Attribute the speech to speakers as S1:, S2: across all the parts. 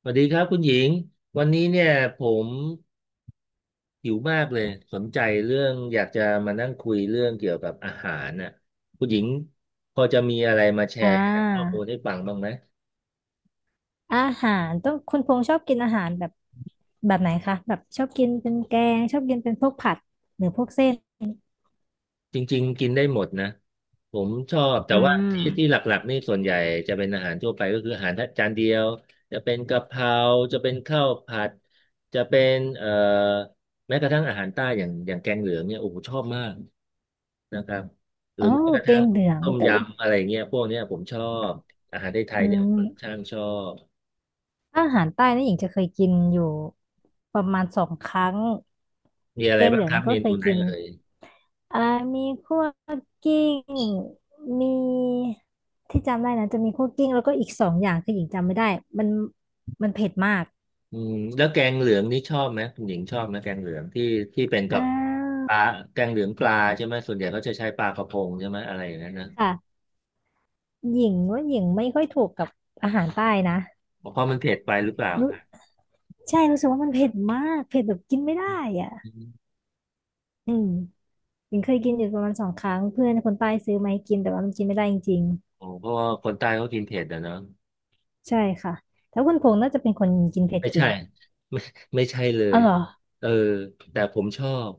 S1: สวัสดีครับคุณหญิงวันนี้เนี่ยผมหิวมากเลยสนใจเรื่องอยากจะมานั่งคุยเรื่องเกี่ยวกับอาหารน่ะคุณหญิงพอจะมีอะไรมาแช
S2: อ่
S1: ร์ข้อ
S2: า
S1: มูลให้ฟังบ้างไหม
S2: อาหารต้องคุณพงษ์ชอบกินอาหารแบบไหนคะแบบชอบกินเป็นแกงชอบกินเป็นพวกผัดหรือพวกเส้น
S1: จริงๆกินได้หมดนะผมชอบแต่
S2: อื
S1: ว่าที่ที่
S2: ม
S1: หลักๆนี่ส่วนใหญ่จะเป็นอาหารทั่วไปก็คืออาหารจานเดียวจะเป็นกะเพราจะเป็นข้าวผัดจะเป็นแม้กระทั่งอาหารใต้อย่างแกงเหลืองเนี่ยโอ้โหชอบมาก นะครับหรื
S2: โอ้
S1: อแม้กระ
S2: แก
S1: ทั่ง
S2: งเหลือง
S1: ต้ม
S2: แต่ว่า
S1: ยำอะไรเงี้ยพวกเนี้ยผมชอบอาหารไทย
S2: อื
S1: ๆเนี่ยผมช่า
S2: ม
S1: งชอบ
S2: อาหารใต้นี่หญิงจะเคยกินอยู่ประมาณสองครั้ง
S1: มีอะ
S2: แก
S1: ไร
S2: งเห
S1: บ้าง
S2: ลือ
S1: ค
S2: ง
S1: รับ
S2: นี่
S1: เม
S2: ก็เค
S1: นู
S2: ย
S1: ไหน
S2: กิน
S1: เอ่ย
S2: อ่ามีคั่วกิ้งมีที่จำได้นะจะมีคั่วกิ้งแล้วก็อีกสองอย่างคือหญิงจำไม่ได้มันมันเผ็ดมาก
S1: อืมแล้วแกงเหลืองนี่ชอบไหมคุณหญิงชอบไหมแกงเหลืองที่ที่เป็นกั
S2: อ่
S1: บ
S2: า
S1: ปลาแกงเหลืองปลาใช่ไหมส่วนใหญ่เขาจะใช้ปลากระพงใช่ไหมอะไรอย่างนั้นนะ
S2: ค่ะ หญิงว่าหญิงไม่ค่อยถูกกับอาหารใต้นะ
S1: เพราะมันเผ็ดไปหรือเปล่าค
S2: รู้
S1: รับ
S2: ใช่รู้สึกว่ามันเผ็ดมากเผ็ดแบบกินไม่ได้อ่ะ
S1: อม
S2: อืมหญิงเคยกินอยู่ประมาณสองครั้งเพื่อนคนใต้ซื้อมาให้กินแต่ว่ามันกินไม่ได้จริง
S1: โอเพราะว่าคนใต้เขากินเผ็ดอะเนาะ
S2: ๆ ใช่ค่ะแต่คุณพงษ์น่าจะเป็นคนกินเผ็ด
S1: ไม่
S2: เก่
S1: ใช่
S2: ง
S1: ไม่ไม่ใช่เล
S2: อ๋อ
S1: ย
S2: เหรอ
S1: เออแต่ผมชอบ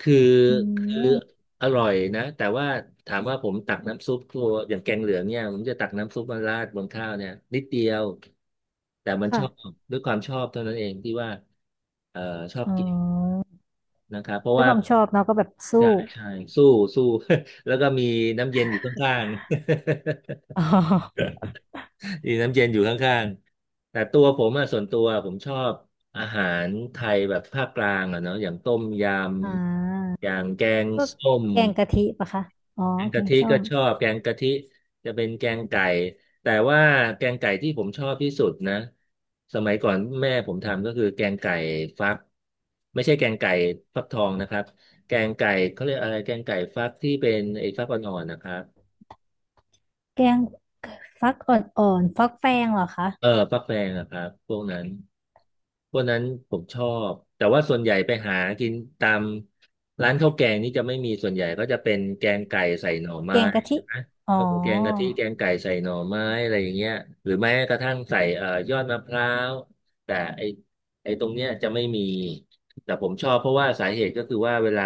S1: คือ
S2: อื
S1: คือ
S2: ม
S1: อร่อยนะแต่ว่าถามว่าผมตักน้ำซุปตัวอย่างแกงเหลืองเนี่ยผมจะตักน้ำซุปมาราดบนข้าวเนี่ยนิดเดียวแต่มันชอบ
S2: ค่ะ
S1: ด้วยความชอบเท่านั้นเองที่ว่าเออชอบ
S2: อ๋อ
S1: กินนะครับเพราะ
S2: ด้วย
S1: ว่า
S2: ความชอบเนาะก็แบบสู้
S1: ใช่สู้สู้ แล้วก็มีน้ำเย็นอยู่ข้างๆ
S2: อ๋อ
S1: อีน้ำเย็นอยู่ข้างๆแต่ตัวผมอะส่วนตัวผมชอบอาหารไทยแบบภาคกลางอะเนาะอย่างต้มย
S2: อ่า
S1: ำอย่างแกง
S2: พวก
S1: ส้ม
S2: แกงกะทิปะคะอ๋อ
S1: แกง
S2: แก
S1: กะ
S2: ง
S1: ทิ
S2: ส้
S1: ก็
S2: ม
S1: ชอบแกงกะทิจะเป็นแกงไก่แต่ว่าแกงไก่ที่ผมชอบที่สุดนะสมัยก่อนแม่ผมทำก็คือแกงไก่ฟักไม่ใช่แกงไก่ฟักทองนะครับแกงไก่เขาเรียกอะไรแกงไก่ฟักที่เป็นไอ้ฟักอ่อนๆนะครับ
S2: แกงฟักอ่อนๆฟักแฟงเหรอคะ
S1: เออฟักแฟงอะครับพวกนั้นผมชอบแต่ว่าส่วนใหญ่ไปหากินตามร้านข้าวแกงนี่จะไม่มีส่วนใหญ่ก็จะเป็นแกงไก่ใส่หน่อ
S2: แก
S1: ไม้
S2: งกะทิ
S1: ใช่ไหม
S2: อ๋อ
S1: ก็คือแกงกะทิแกงไก่ใส่หน่อไม้อะไรอย่างเงี้ยหรือแม้กระทั่งใส่ยอดมะพร้าวแต่ไอตรงเนี้ยจะไม่มีแต่ผมชอบเพราะว่าสาเหตุก็คือว่าเวลา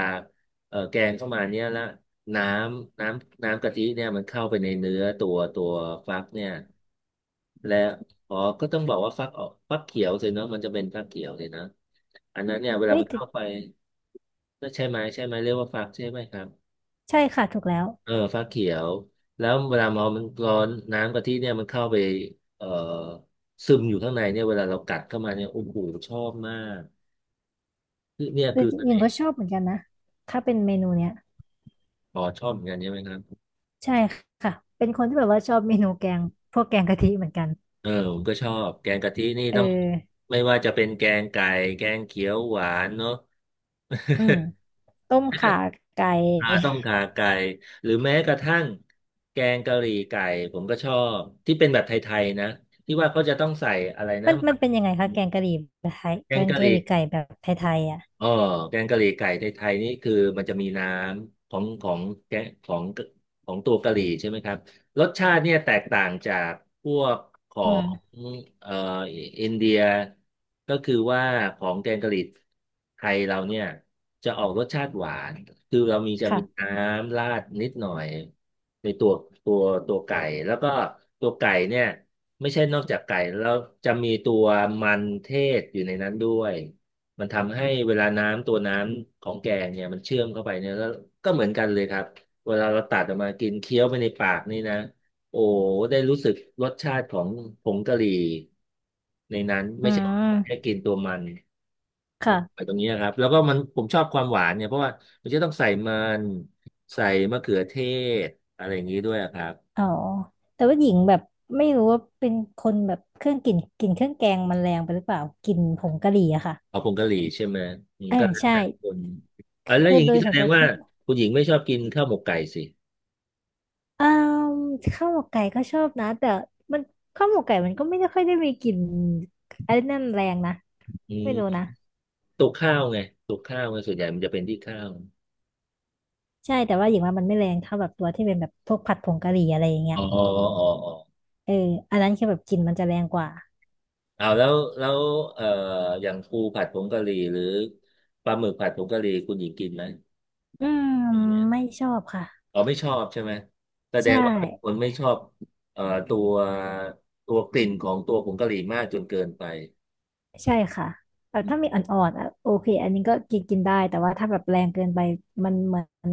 S1: แกงเข้ามาเนี้ยแล้วน้น้ำกะทิเนี่ยมันเข้าไปในเนื้อตัวฟักเนี่ยและ อ๋อก็ต้องบอกว่าฟักออกฟักเขียวสิเนอะมันจะเป็นฟักเขียวสินะอันนั้นเนี่ยเวลา
S2: เอ้ย
S1: มัน
S2: แต่
S1: เข้าไปก็ใช่ไหมใช่ไหมเรียกว่าฟักใช่ไหมครับ
S2: ใช่ค่ะถูกแล้ว
S1: เออฟักเขียวแล้วเวลาเอามันร้อนน้ำกะทิเนี่ยมันเข้าไปเอ่อซึมอยู่ข้างในเนี่ยเวลาเรากัดเข้ามาเนี่ยโอ้โหชอบมากคือเนี่ย
S2: แต่
S1: คือเส
S2: หญิง
S1: น่
S2: ก็
S1: ห์
S2: ชอบเหมือนกันนะถ้าเป็นเมนูเนี้ย
S1: อ๋อชอบเหมือนกันใช่ไหมครับ
S2: ใช่ค่ะ เป็นคนที่แบบว่าชอบเมนูแกงพวกแกงกะทิเหมือนกัน
S1: เออผมก็ชอบแกงกะทินี่
S2: เออ
S1: ต้องไม่ว่าจะเป็นแกงไก่แกงเขียวหวานเนาะ
S2: อืม ต้มข่าไก่
S1: อ่าต้มข่าไก่หรือแม้กระทั่งแกงกะหรี่ไก่ผมก็ชอบที่เป็นแบบไทยๆนะที่ว่าเขาจะต้องใส่อะไร นะ
S2: มันเป็นยังไงคะแกงกะหรี่แบบไทย
S1: แก
S2: แก
S1: ง
S2: ง
S1: กะห
S2: กะห
S1: รี่
S2: รี่ไก่แบบไทยๆอ่ะ
S1: เออแกงกะหรี่ไก่ในไทยนี่คือมันจะมีน้ำของแกงของตัวกะหรี่ใช่ไหมครับรสชาติเนี่ยแตกต่างจากพวกขอ
S2: อื
S1: ง
S2: ม
S1: เอ่ออินเดียก็คือว่าของแกงกะหรี่ไทยเราเนี่ยจะออกรสชาติหวานคือเรามีจะมีน้
S2: ค่ะ
S1: ำราดนิดหน่อยในตัวตัวไก่แล้วก็ตัวไก่เนี่ยไม่ใช่นอกจากไก่แล้วจะมีตัวมันเทศอยู่ในนั้นด้วย มันทำให้เวลาน้ำตัวน้ำของแกงเนี่ยมันเชื่อมเข้าไปเนี่ยก็เหมือนกันเลยครับเวลาเราตัดออกมากินเคี้ยวไปในปากนี่นะโอ้ได้รู้สึกรสชาติของผงกะหรี่ในนั้น
S2: อื
S1: ไม่ใช่แค่
S2: ม
S1: กินตัวมันนะไป
S2: ค่ะ
S1: ตรงนี้นะครับแล้วก็มันผมชอบความหวานเนี่ยเพราะว่ามันจะต้องใส่มันใส่มะเขือเทศอะไรอย่างนี้ด้วยอะครับ
S2: อ๋อแต่ว่าหญิงแบบไม่รู้ว่าเป็นคนแบบเครื่องกลิ่นเครื่องแกงมันแรงไปหรือเปล่ากลิ่นผงกะหรี่อะค่ะ
S1: เอาผงกะหรี่ใช่ไหมอืม
S2: อ่า
S1: ก็แล้ว
S2: ใช่
S1: แต่คน
S2: ค
S1: อ่ะแล้ว
S2: ื
S1: อ
S2: อ
S1: ย่าง
S2: โด
S1: นี้
S2: ย
S1: แส
S2: ส่วน
S1: ด
S2: ตั
S1: ง
S2: ว
S1: ว่า
S2: ที่
S1: คุณหญิงไม่ชอบกินข้าวหมกไก่สิ
S2: อ่าข้าวหมกไก่ก็ชอบนะแต่มันข้าวหมกไก่มันก็ไม่ได้ค่อยได้มีกลิ่นอะไรนั่นแรงนะ
S1: อื
S2: ไม่รู้
S1: ม
S2: นะ
S1: ตุกข้าวไงตุกข้าวไงส่วนใหญ่มันจะเป็นที่ข้าว
S2: ใช่แต่ว่าอย่างว่ามันไม่แรงเท่าแบบตัวที่เป็นแบบพวกผัดผงกะหรี่อะไรอย่างเงี้ย
S1: อ๋ออ๋อ
S2: เอออันนั้นคือแบบกลิ่นมันจะแรงกว่า
S1: เอาแล้วแล้วเอ่ออย่างปูผัดผงกะหรี่หรือปลาหมึกผัดผงกะหรี่คุณหญิงกินไหม
S2: อืม
S1: อย่างเงี้ย
S2: ไม่ชอบค่ะ
S1: อ๋อไม่ชอบใช่ไหมแสด
S2: ใช่
S1: งว่าเป็นคนไม่ชอบเอ่อตัวตัวกลิ่นของตัวผงกะหรี่มากจนเกินไป
S2: ใช่ค่ะแบบถ้ามีอ่อนๆอ่ะโอเคอันนี้ก็กินกินได้แต่ว่าถ้าแบบแรงเกินไปมันเหมือน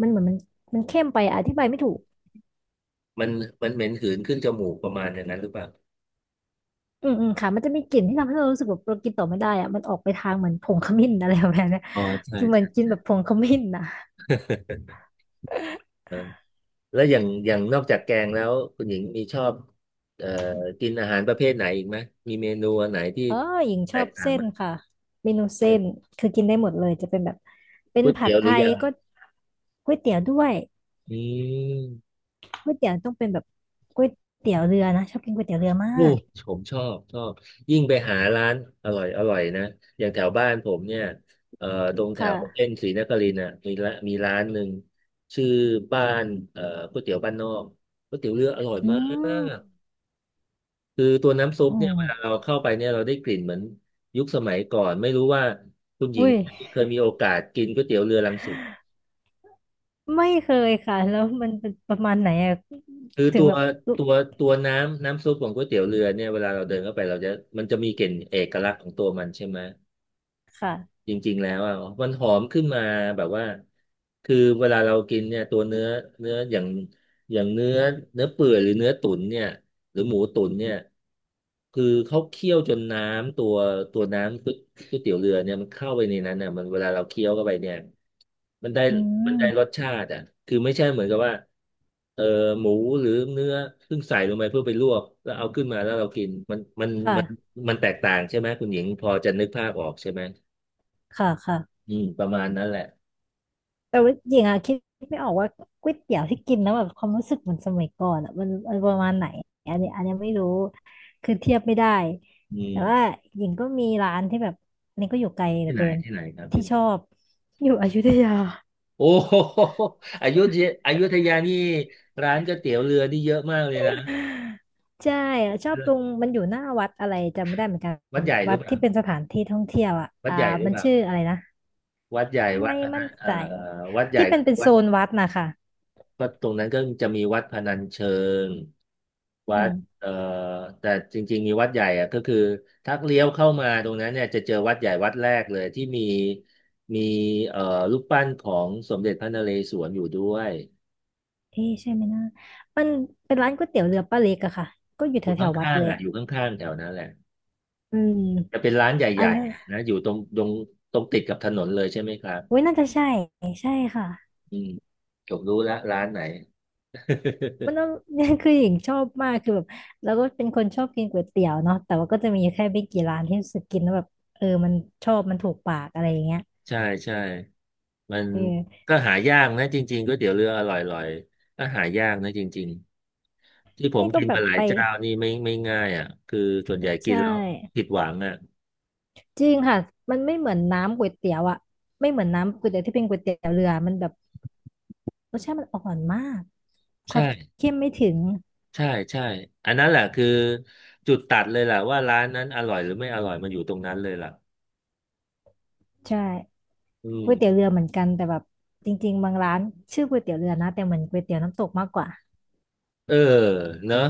S2: มันเข้มไปอธิบายไม่ถูก
S1: มันมันเหม็นหืนขึ้นจมูกประมาณอย่างนั้นหรือเปล่า
S2: อืมอืมค่ะมันจะมีกลิ่นที่ทำให้เรารู้สึกแบบเรากินต่อไม่ได้อะมันออกไปทางเหมือนผงขมิ้นอะไรแบบเนี้ย
S1: อ๋อใช่
S2: กินเหมื
S1: ใช
S2: อนกินแบบผงขมิ้นนะ
S1: ่ แล้วอย่างนอกจากแกงแล้วคุณหญิงมีชอบเอ่อกินอาหารประเภทไหนอีกไหมมีเมนูอันไหนที่
S2: เออหญิงช
S1: แต
S2: อ
S1: ก
S2: บ
S1: ต่าง
S2: เส้
S1: ไหม
S2: นค่ะเมนูเส้
S1: เช่น
S2: นคือกินได้หมดเลยจะเป็นแบบเป็น
S1: ก๋วย
S2: ผั
S1: เตี๋
S2: ด
S1: ยวห
S2: ไท
S1: รือย
S2: ยก็ก๋วยเตี๋ยวด้วย
S1: ำอืม
S2: ก๋วยเตี๋ยวต้องเป็นแบบก๋วยเตี๋ยวเรือนะชอบกินก๋วยเตี๋ยวเรือมา
S1: โอ้
S2: ก
S1: ผมชอบยิ่งไปหาร้านอร่อยนะอย่างแถวบ้านผมเนี่ยเอ่อตรงแถ
S2: ค
S1: วเส้น
S2: ่ะ
S1: ศรีนครินทร์น่ะมีละมีร้านหนึ่งชื่อบ้านเอ่อก๋วยเตี๋ยวบ้านนอกก๋วยเตี๋ยวเรืออร่อย
S2: อื
S1: มา
S2: ม
S1: ก คือตัวน้ำซุ
S2: โอ
S1: ปเนี่ยเวลาเรา
S2: ้
S1: เข้าไปเนี่ยเราได้กลิ่นเหมือนยุคสมัยก่อนไม่รู้ว่าคุณหญิง
S2: อุ้ย
S1: เคยมีโอกาสกินก๋วยเตี๋ยวเรือรังสิต
S2: ไม่เคยค่ะแล้วมันเป็นประมาณไหนอะ
S1: คือ
S2: ถึงแบบลุก
S1: ตัวตัวน้ำซุปของก๋วยเตี๋ยวเรือเนี่ยเวลาเราเดินเข้าไปเราจะมันจะมีกลิ่นเอกลักษณ์ของตัวมันใช่ไหม
S2: ค่ะ
S1: จริงๆแล้วอ่ะมันหอมขึ้นมาแบบว่าคือเวลาเรากินเนี่ยตัวเนื้อเนื้ออย่างเนื้อเปื่อยหรือเนื้อตุ๋นเนี่ยหรือหมูตุ๋นเนี่ยคือเขาเคี่ยวจนน้ำตัวตัวน้ำก๋วยเตี๋ยวเรือเนี่ยมันเข้าไปในนั้นเนี่ยมันเวลาเราเคี้ยวเข้าไปเนี่ยมันได้
S2: อื
S1: มัน
S2: ม
S1: ได้รสชาติอ่ะคือไม่ใช่เหมือนกับว่าเออหมูหรือเนื้อเพิ่งใส่ลงไปเพื่อไปลวกแล้วเอาขึ้นมาแล้วเรากินมันมัน
S2: ค่ะ
S1: มันมันแตกต่างใช่ไหมคุณหญิงพอจะนึกภาพออกใช่ไหม
S2: ค่ะค่ะ
S1: อืมประมาณนั้นแหละ
S2: แต่ว่าหญิงอะคิดไม่ออกว่าก๋วยเตี๋ยวที่กินแล้วแบบความรู้สึกเหมือนสมัยก่อนอะมันประมาณไหนอันนี้ไม่รู้คือเทียบไม่ได้
S1: อืม
S2: แต่ว่าหญิงก็มีร้านที่แบบอันนี้ก็อยู่ไกลเหลื
S1: ที่
S2: อ
S1: ไหน
S2: เกิน
S1: ที่ไหนครับ
S2: ที่
S1: ที่ไหน
S2: ชอบอยู่อยุธยา
S1: โอ้ โหอยุธยาอยุธยานี่ร้านก๋วยเตี๋ยวเรือนี่เยอะมากเลยนะ
S2: ใช่อะชอบตรงมันอยู่หน้าวัดอะไรจำไม่ได้เหมือนกัน
S1: วัดใหญ่หรื
S2: วั
S1: อ
S2: ด
S1: เปล่า
S2: ที่เป็นสถานที่ท่องเที่ยวอ่ะ
S1: วัดใหญ่หรือ
S2: มัน
S1: เป
S2: ชื่อ
S1: ล่า
S2: อะไรนะ
S1: วัดใหญ่วัด
S2: ไม่
S1: พนั
S2: มั่น
S1: น
S2: ใจ
S1: วัดใหญ่
S2: ที่เป็นเป็น
S1: วั
S2: โซ
S1: ด
S2: นวัดนะคะ
S1: ก็ตรงนั้นก็จะมีวัดพนัญเชิงวั
S2: อื
S1: ด
S2: ม
S1: เอ่อแต่จริงๆมีวัดใหญ่อะก็คือถ้าเลี้ยวเข้ามาตรงนั้นเนี่ยจะเจอวัดใหญ่วัดแรกเลยที่มีเอ่อรูปปั้นของสมเด็จพระนเรศวรอยู่ด้วย
S2: เอ๊ะใช่ไหมนะมันเป็นร้านก๋วยเตี๋ยวเรือป้าเล็กอะค่ะก็อยู่
S1: อ
S2: แถ
S1: ยู่
S2: ว
S1: ข
S2: แถววัด
S1: ้าง
S2: เลย
S1: ๆอ่ะ
S2: อะ
S1: อยู่ข้างๆแถวนั้นแหละ
S2: อื
S1: จะ
S2: ม
S1: เป็นร้าน
S2: อั
S1: ให
S2: น
S1: ญ่
S2: นั้น
S1: ๆนะอยู่ตรงติดกับถนนเลยใช่ไหมครับ
S2: โอ้ยน่าจะใช่ใช่ค่ะ
S1: อืมผมรู้แล้วร้านไหน
S2: มันต้อ ง คือหญิงชอบมากคือแบบเราก็เป็นคนชอบกินก๋วยเตี๋ยวเนาะแต่ว่าก็จะมีแค่ไม่กี่ร้านที่รู้สึกกินแล้วแบบเออมันชอบมันถูกปากอะไรอย่างเงี้ย
S1: ใช่ใช่มัน
S2: เออ
S1: ก็หายากนะจริงๆก๋วยเตี๋ยวเรืออร่อยๆก็หายากนะจริงๆที่ผม
S2: นี่ก็
S1: กิน
S2: แบ
S1: มา
S2: บ
S1: หลาย
S2: ไป
S1: เจ้านี่ไม่ง่ายอ่ะคือส่วนใหญ่กิน
S2: ใช่
S1: แล้วผิดหวังอ่ะ
S2: จริงค่ะมันไม่เหมือนน้ำก๋วยเตี๋ยวอะไม่เหมือนน้ำก๋วยเตี๋ยวที่เป็นก๋วยเตี๋ยวเรือมันแบบรสชาติมันอ่อนมากความ
S1: ใช่
S2: เข้มไม่ถึง
S1: ใช่ใช่อันนั้นแหละคือจุดตัดเลยแหละว่าร้านนั้นอร่อยหรือไม่อร่อยมันอยู่ตรงนั้นเลยล่ะ
S2: ใช่
S1: อืม
S2: ก๋วยเตี๋ยวเรือเหมือนกันแต่แบบจริงๆบางร้านชื่อก๋วยเตี๋ยวเรือนะแต่เหมือนก๋วยเตี๋ยวน้ำตกมากกว่า
S1: เออเนอะ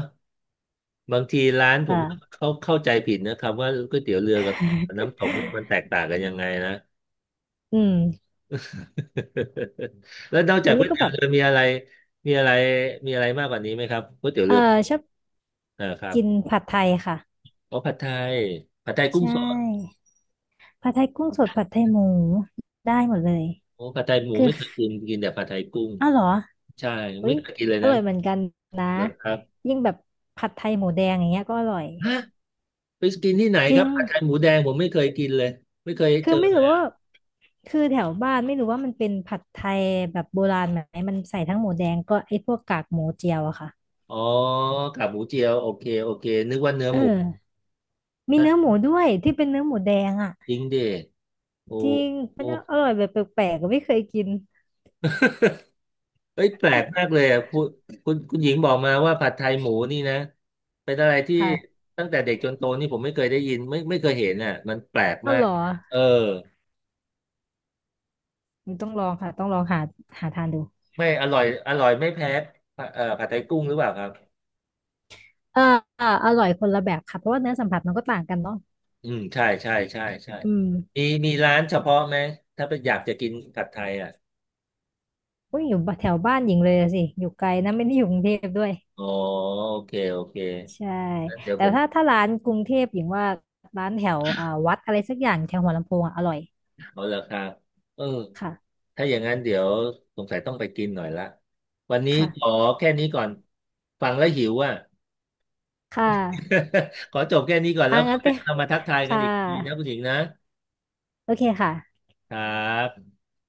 S1: บางทีร้านผม
S2: เออ
S1: เขาเข้าใจผิดนะครับว่าก๋วยเตี๋ยวเรือกับน้ำตกเนี่ยมันแตกต่างกันยังไงนะ
S2: อืม
S1: แล้วนอกจา
S2: แต่
S1: กก๋
S2: นี่
S1: วย
S2: ก็
S1: เตี๋ย
S2: แบ
S1: ว
S2: บ
S1: เรือมีอะไรมีอะไรมีอะไรมากกว่านี้ไหมครับก๋วยเตี๋ยว
S2: เอ
S1: เรื
S2: อ
S1: อ
S2: ชอบ
S1: อ่าครับ
S2: กินผัดไทยค่ะ
S1: โอ้ผัดไทยผัดไทยกุ้ง
S2: ใช่
S1: สด
S2: ผัดไทยกุ้งสดผัดไทยหมูได้หมดเลย
S1: โอ้ผัดไทยหมู
S2: คือ
S1: ไม่เคยกินกินแต่ผัดไทยกุ้ง
S2: อ้าวเหรอ
S1: ใช่
S2: อุ๊
S1: ไม่
S2: ย
S1: เคยกินเลย
S2: อ
S1: นะ
S2: ร่อยเหมือนกันนะ
S1: เหรอครับ
S2: ยิ่งแบบผัดไทยหมูแดงอย่างเงี้ยก็อร่อย
S1: ฮะไปกินที่ไหน
S2: จ
S1: ค
S2: ริ
S1: รับ
S2: ง
S1: ผัดไทยหมูแดงผมไม่เคยกินเลยไม่เคย
S2: คื
S1: เจ
S2: อ
S1: อ
S2: ไม่
S1: เลย
S2: รู้ว่าคือแถวบ้านไม่รู้ว่ามันเป็นผัดไทยแบบโบราณไหมมันใส่ทั้งหมูแดงก็ไอ้พวกกากหมูเจียวอะค่ะ
S1: อ๋อกากหมูเจียวโอเคโอเคนึกว่าเนื้อ
S2: เอ
S1: หมู
S2: อ มีเนื้อหมู ด้วยที่เป็นเนื้อหมูแดงอ่ะ
S1: จริงดิโอ้
S2: จริงมั
S1: โอ้
S2: นจะอร่อยแบบแปลกๆอะไม่เคยกิน
S1: เอ้ยแปลกมากเลยอ่ะคุณหญิงบอกมาว่าผัดไทยหมูนี่นะเป็นอะไรที่
S2: ค่ะ
S1: ตั้งแต่เด็กจนโตนี่ผมไม่เคยได้ยินไม่เคยเห็นอ่ะมันแปลก
S2: อ้าว
S1: มา
S2: เห
S1: ก
S2: รอ
S1: เออ
S2: มันต้องลองค่ะต้องลองหาหาทานดู
S1: ไม่อร่อยอร่อยไม่แพ้ผัดไทยกุ้งหรือเปล่าครับ
S2: เออเออาอร่อยคนละแบบค่ะเพราะว่าเนื้อสัมผัสมันก็ต่างกันเนาะ
S1: อืมใช่ใช่ใช่ใช่
S2: อืม
S1: มีมีร้านเฉพาะไหมถ้าเป็นอยากจะกินผัดไทยอ่ะ
S2: อยอยู่แถวบ้านหญิงเลยอะสิอยู่ไกลนะไม่ได้อยู่กรุงเทพด้วย
S1: อ๋อโอเคโอเค
S2: ใช่
S1: งั้นเดี๋ยว
S2: แต่
S1: ผม
S2: ถ้าร้านกรุงเทพหญิงว่าร้านแถวอ่าวัดอะไรสักอย่างแถวหัวลำโพงอะอร่อย
S1: เอาละครับเออ
S2: ค่ะ
S1: ถ้าอย่างนั้นเดี๋ยวสงสัยต้องไปกินหน่อยละวันนี้ขอ
S2: ค่ะ
S1: แค่นี้ก่อนฟังแล้วหิวอ่ะ
S2: ค่ะ
S1: ขอจบแค่นี้ก่อนแล้
S2: อ่า
S1: วค่
S2: งั้น
S1: อ
S2: ไป
S1: ยเรามาทักทายกัน
S2: ค่ะ
S1: อีกทีนะคุณหญิงนะ
S2: โอเคค่ะ
S1: ครับ